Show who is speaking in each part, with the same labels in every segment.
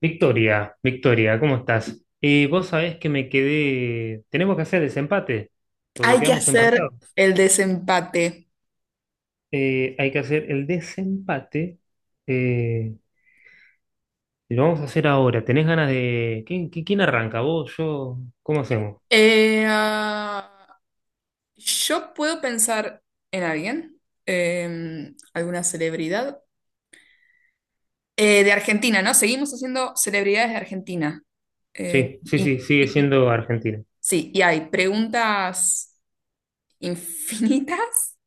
Speaker 1: Victoria, Victoria, ¿cómo estás? Vos sabés que me quedé. Tenemos que hacer desempate, porque
Speaker 2: Hay que
Speaker 1: quedamos
Speaker 2: hacer
Speaker 1: empatados.
Speaker 2: el desempate.
Speaker 1: Hay que hacer el desempate. eh, y lo vamos a hacer ahora. ¿Tenés ganas de. ¿Quién arranca? ¿Vos, yo? ¿Cómo hacemos?
Speaker 2: Eh, ah, yo puedo pensar en alguien, alguna celebridad de Argentina, ¿no? Seguimos haciendo celebridades de Argentina. Eh,
Speaker 1: Sí, sí,
Speaker 2: y,
Speaker 1: sí, sigue
Speaker 2: y-
Speaker 1: siendo Argentina.
Speaker 2: sí, y hay preguntas infinitas.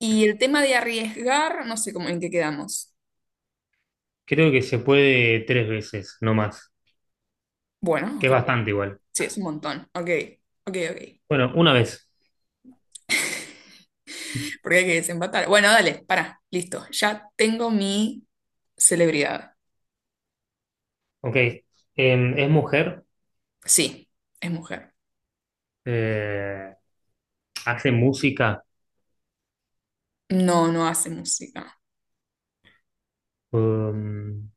Speaker 2: Y el tema de arriesgar, no sé cómo en qué quedamos.
Speaker 1: Creo que se puede tres veces, no más.
Speaker 2: Bueno,
Speaker 1: Que es
Speaker 2: ok.
Speaker 1: bastante igual.
Speaker 2: Sí, es un montón. Ok, ok, ok.
Speaker 1: Bueno, una vez.
Speaker 2: Porque hay que desempatar. Bueno, dale, para, listo. Ya tengo mi celebridad.
Speaker 1: Ok. Es mujer.
Speaker 2: Sí, es mujer.
Speaker 1: eh, Hace música.
Speaker 2: No, no hace música.
Speaker 1: Um,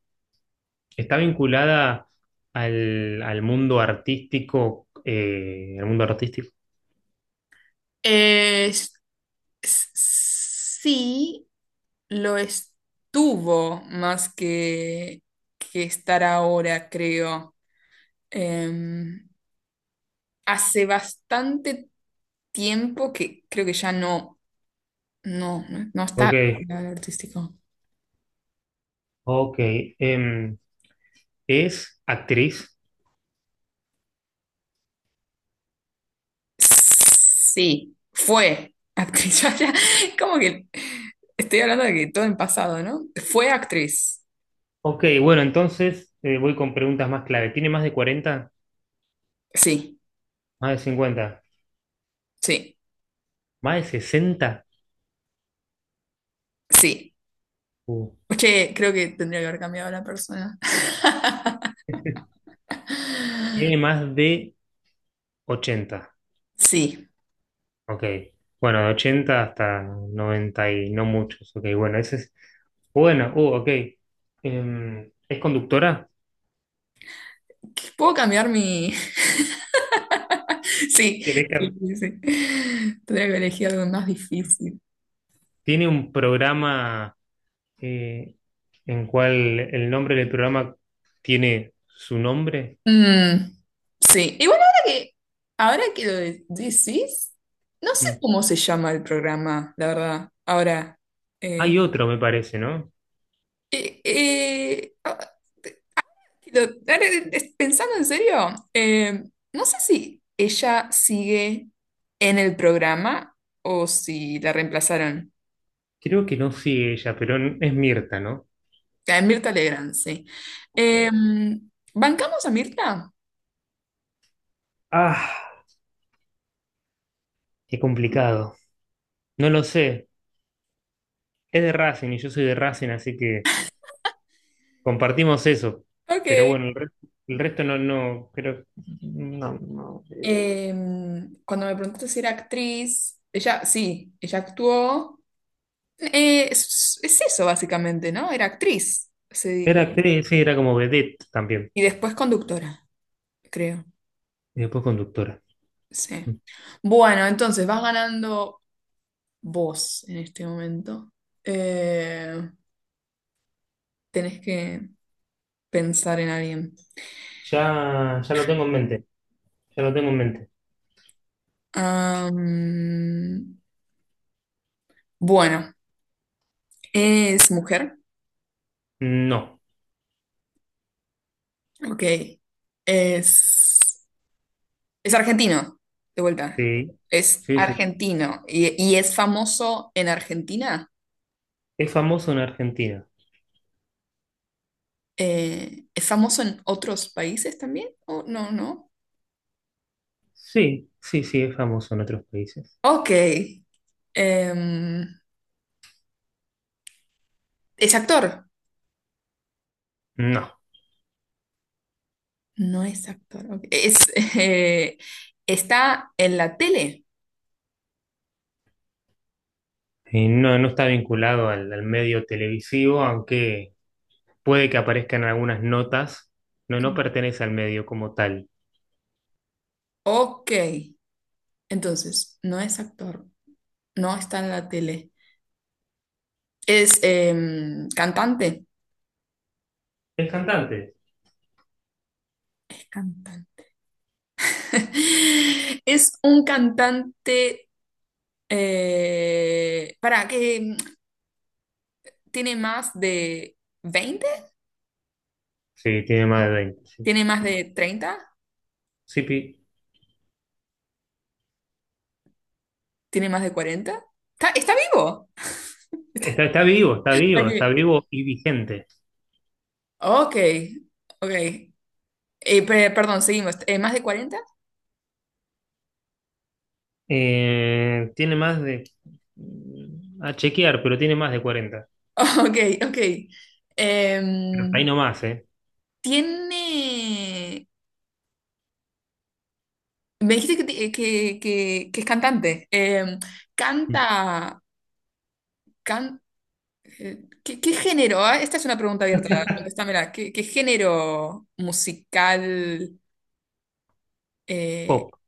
Speaker 1: Está vinculada al mundo artístico, al mundo artístico.
Speaker 2: Eh, s- sí, lo estuvo más que estar ahora, creo. Em, hace bastante tiempo que creo que ya no está
Speaker 1: Ok,
Speaker 2: en lo artístico.
Speaker 1: ok. em, ¿Es actriz?
Speaker 2: Sí, fue actriz. Ya, como que estoy hablando de que todo en pasado, ¿no? Fue actriz.
Speaker 1: Ok, bueno, entonces voy con preguntas más clave. ¿Tiene más de 40?
Speaker 2: Sí,
Speaker 1: ¿Más de 50?
Speaker 2: sí.
Speaker 1: ¿Más de 60?
Speaker 2: Sí,
Speaker 1: Uh,
Speaker 2: es que creo que tendría que haber cambiado la persona.
Speaker 1: Tiene más de 80.
Speaker 2: Sí,
Speaker 1: Ok. Bueno, de 80 hasta 90 y no muchos. Ok, bueno, ese es... Bueno, ok. ¿Es conductora?
Speaker 2: puedo cambiar mi... Sí,
Speaker 1: ¿Tiene
Speaker 2: sí, sí, sí. Tendría que elegir algo más difícil.
Speaker 1: tiene un programa... eh, en cual el nombre del programa tiene su nombre.
Speaker 2: Mm, sí, igual ahora ahora que lo decís, no sé
Speaker 1: Mm.
Speaker 2: cómo se llama el programa, la verdad. Ahora, eh,
Speaker 1: Hay otro, me parece, ¿no?
Speaker 2: eh, eh, ah, pero, ahora, pensando en serio, no sé si ella sigue en el programa o si la reemplazaron.
Speaker 1: Creo que no sigue ella, pero es Mirta, ¿no?
Speaker 2: A Mirta Legrand, sí.
Speaker 1: Ok.
Speaker 2: Em, ¿Bancamos a Mirta?
Speaker 1: Ah, qué complicado. No lo sé. Es de Racing y yo soy de Racing, así que compartimos eso. Pero
Speaker 2: Ok.
Speaker 1: bueno, el resto no, no, creo. No, no.
Speaker 2: Em, cuando me preguntaste si era actriz, ella, sí, ella actuó. Es eso básicamente, ¿no? Era actriz, se
Speaker 1: Era
Speaker 2: dedicó.
Speaker 1: actriz, sí, era como vedette también.
Speaker 2: Y después conductora, creo.
Speaker 1: Y después conductora. Mm.
Speaker 2: Sí. Bueno, entonces vas ganando vos en este momento. Eh, tenés que pensar en alguien.
Speaker 1: Ya, ya lo tengo en mente. Ya lo tengo en mente.
Speaker 2: Am, bueno, es mujer.
Speaker 1: No.
Speaker 2: Ok. Es, es argentino, de vuelta.
Speaker 1: Sí,
Speaker 2: Es
Speaker 1: sí, sí.
Speaker 2: argentino y es famoso en Argentina.
Speaker 1: ¿Es famoso en Argentina?
Speaker 2: ¿Es famoso en otros países también? Oh, no, no.
Speaker 1: Sí, sí, sí, es famoso en otros países.
Speaker 2: Ok. Em, es actor.
Speaker 1: No,
Speaker 2: No es actor. Ok. Es, eh, está en la tele.
Speaker 1: No, no está vinculado al medio televisivo, aunque puede que aparezcan algunas notas. No, no pertenece al medio como tal.
Speaker 2: Ok. Entonces, no es actor. No está en la tele. Es cantante.
Speaker 1: ¿Es cantante?
Speaker 2: Cantante. Es un cantante eh, para que mm, tiene más de veinte,
Speaker 1: Sí, tiene más de 20. Sí.
Speaker 2: tiene más de treinta,
Speaker 1: Sí,
Speaker 2: tiene más de cuarenta. ¿Está, está vivo?
Speaker 1: está vivo, está vivo, está
Speaker 2: Aquí.
Speaker 1: vivo y vigente.
Speaker 2: Ok, ok. Perdón, seguimos. ¿Más de cuarenta?
Speaker 1: Tiene más de... A chequear, pero tiene más de 40.
Speaker 2: Ok, ok.
Speaker 1: Pero hasta ahí
Speaker 2: Em,
Speaker 1: nomás, ¿eh?
Speaker 2: tiene. Me dijiste que que es cantante. Em, canta. can- ¿Qué, qué género? Ah, esta es una pregunta abierta. Contéstamela. ¿Qué, qué género musical? eh,
Speaker 1: Pop.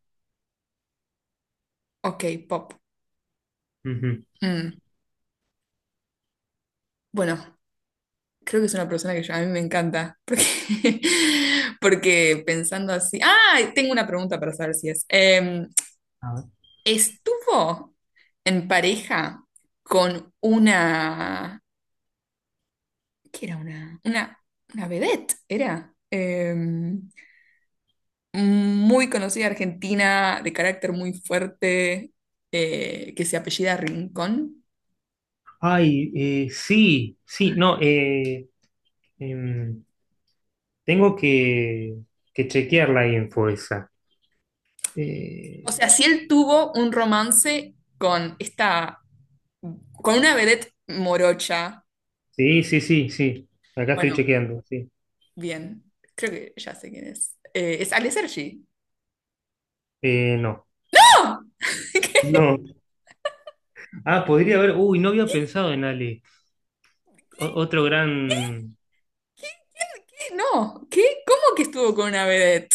Speaker 2: ok, pop.
Speaker 1: Ujú.
Speaker 2: Mm, bueno, creo que es una persona que a mí me encanta. Porque, porque pensando así. ¡Ah! Tengo una pregunta para saber si es. Em, estuvo en pareja con una, ¿qué era una? Una vedette, era muy conocida argentina, de carácter muy fuerte, que se apellida Rincón.
Speaker 1: Ay, sí, sí, no, em, tengo que chequear la info esa.
Speaker 2: O
Speaker 1: Eh,
Speaker 2: sea, si él tuvo un romance con esta, con una vedette morocha.
Speaker 1: sí, sí, sí, sí, acá estoy
Speaker 2: Bueno,
Speaker 1: chequeando, sí.
Speaker 2: bien, creo que ya sé quién es. Es Ale Sergi.
Speaker 1: No,
Speaker 2: ¡No! ¿Qué?
Speaker 1: no. Ah, podría haber, uy, no había pensado en Ale. Otro gran
Speaker 2: No, ¿qué? ¿Cómo que estuvo con una vedette?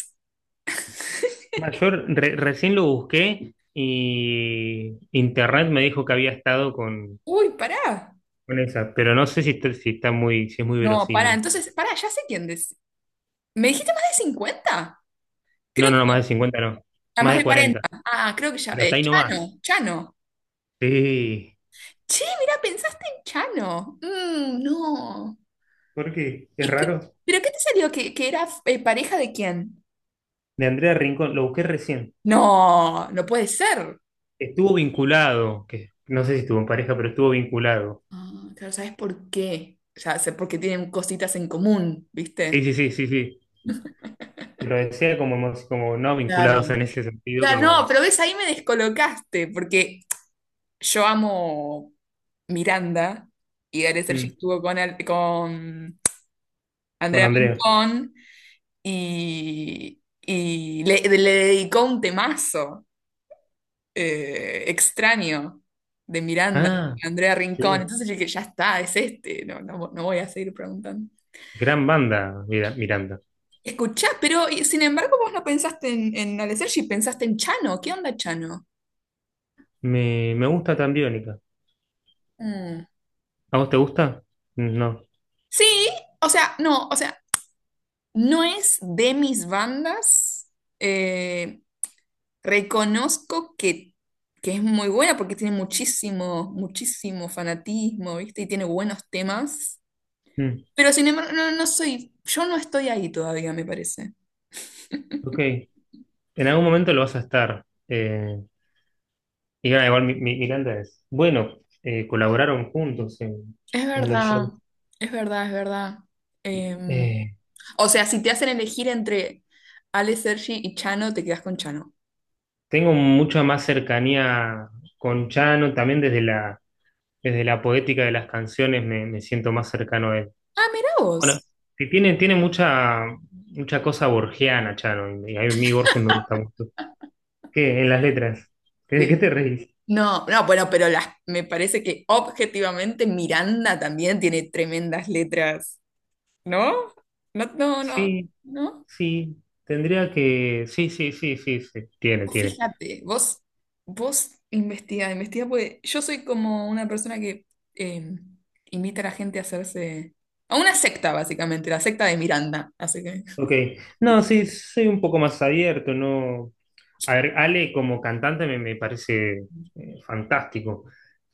Speaker 1: mayor, recién lo busqué y internet me dijo que había estado con,
Speaker 2: Uy, pará.
Speaker 1: con esa, pero no sé si está, muy, si es muy
Speaker 2: No, pará.
Speaker 1: verosímil.
Speaker 2: Entonces, pará, ya sé quién es. ¿Me dijiste más de cincuenta?
Speaker 1: No,
Speaker 2: Creo
Speaker 1: no,
Speaker 2: que
Speaker 1: no, más de 50, no,
Speaker 2: a
Speaker 1: más
Speaker 2: más
Speaker 1: de
Speaker 2: de
Speaker 1: 40,
Speaker 2: cuarenta. Ah, creo que ya.
Speaker 1: pero hasta ahí nomás.
Speaker 2: Chano.
Speaker 1: Sí,
Speaker 2: Che, mira, pensaste en Chano. Mm, no.
Speaker 1: porque es
Speaker 2: ¿Y
Speaker 1: raro.
Speaker 2: pero qué te salió? ¿Que era pareja de quién?
Speaker 1: De Andrea Rincón, lo busqué recién.
Speaker 2: No, no puede ser.
Speaker 1: Estuvo vinculado, que no sé si estuvo en pareja, pero estuvo vinculado.
Speaker 2: Ah, claro, ¿sabes por qué? Ya sé, porque tienen cositas en común, ¿viste?
Speaker 1: Sí, sí, sí, sí, sí. Lo decía como no
Speaker 2: Claro.
Speaker 1: vinculados en ese sentido,
Speaker 2: Claro, no,
Speaker 1: como
Speaker 2: pero ves, ahí me descolocaste, porque yo amo Miranda y Gale Sergi
Speaker 1: mm,
Speaker 2: estuvo con
Speaker 1: con
Speaker 2: Andrea
Speaker 1: Andrea.
Speaker 2: Rincón y, le dedicó un temazo extraño de Miranda,
Speaker 1: Ah,
Speaker 2: Andrea Rincón.
Speaker 1: sí.
Speaker 2: Entonces yo dije, ya está, es este, no voy a seguir preguntando.
Speaker 1: Gran banda, Miranda.
Speaker 2: Escuchá, pero sin embargo vos no pensaste en Ale Sergi, pensaste en Chano. ¿Qué onda, Chano?
Speaker 1: Me gusta tan Biónica.
Speaker 2: Mm.
Speaker 1: ¿A vos te gusta? Mm, no.
Speaker 2: Sí, o sea, no, o sea, no es de mis bandas. eh, Reconozco que es muy buena porque tiene muchísimo, muchísimo fanatismo, ¿viste? Y tiene buenos temas.
Speaker 1: Mm,
Speaker 2: Pero sin embargo, no, no soy, yo no estoy ahí todavía, me parece.
Speaker 1: ok. En algún momento lo vas a estar. Y igual Miranda es. Bueno, colaboraron juntos en,
Speaker 2: Es
Speaker 1: en los
Speaker 2: verdad,
Speaker 1: shows.
Speaker 2: es verdad, es verdad. Em,
Speaker 1: Eh,
Speaker 2: o sea, si te hacen elegir entre Ale Sergi y Chano, te quedas con Chano.
Speaker 1: Tengo mucha más cercanía con Chano, también desde la poética de las canciones me siento más cercano a él.
Speaker 2: Ah, mira
Speaker 1: Bueno,
Speaker 2: vos.
Speaker 1: que tiene mucha, mucha cosa borgiana, Chano, y a mí Borges me gusta mucho. ¿Qué? En las letras. ¿De qué
Speaker 2: Sí.
Speaker 1: te reís?
Speaker 2: No, no, bueno, pero las, me parece que objetivamente Miranda también tiene tremendas letras, ¿no? No, no, no,
Speaker 1: Sí,
Speaker 2: no.
Speaker 1: sí, tendría que... Sí, sí, sí, sí, sí, tiene,
Speaker 2: Vos
Speaker 1: tiene.
Speaker 2: fíjate, vos, vos investiga, investiga, porque yo soy como una persona que eh, invita a la gente a hacerse, a una secta, básicamente, la secta de Miranda, así que...
Speaker 1: Ok, no, sí, soy un poco más abierto, no... A ver, Ale como cantante me parece fantástico.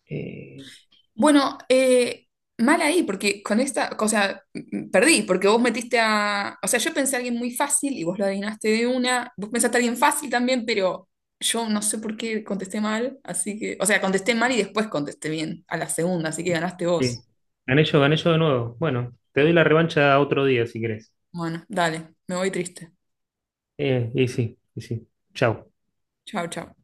Speaker 1: Eh,
Speaker 2: Bueno, mal ahí, porque con esta, o sea, perdí, porque vos metiste a, o sea, yo pensé a alguien muy fácil y vos lo adivinaste de una, vos pensaste a alguien fácil también, pero yo no sé por qué contesté mal, así que, o sea, contesté mal y después contesté bien a la segunda, así que ganaste vos.
Speaker 1: Sí. Gané yo de nuevo. Bueno, te doy la revancha otro día si querés.
Speaker 2: Bueno, dale, me voy triste.
Speaker 1: Y sí, y sí. Chau.
Speaker 2: Chao, chao.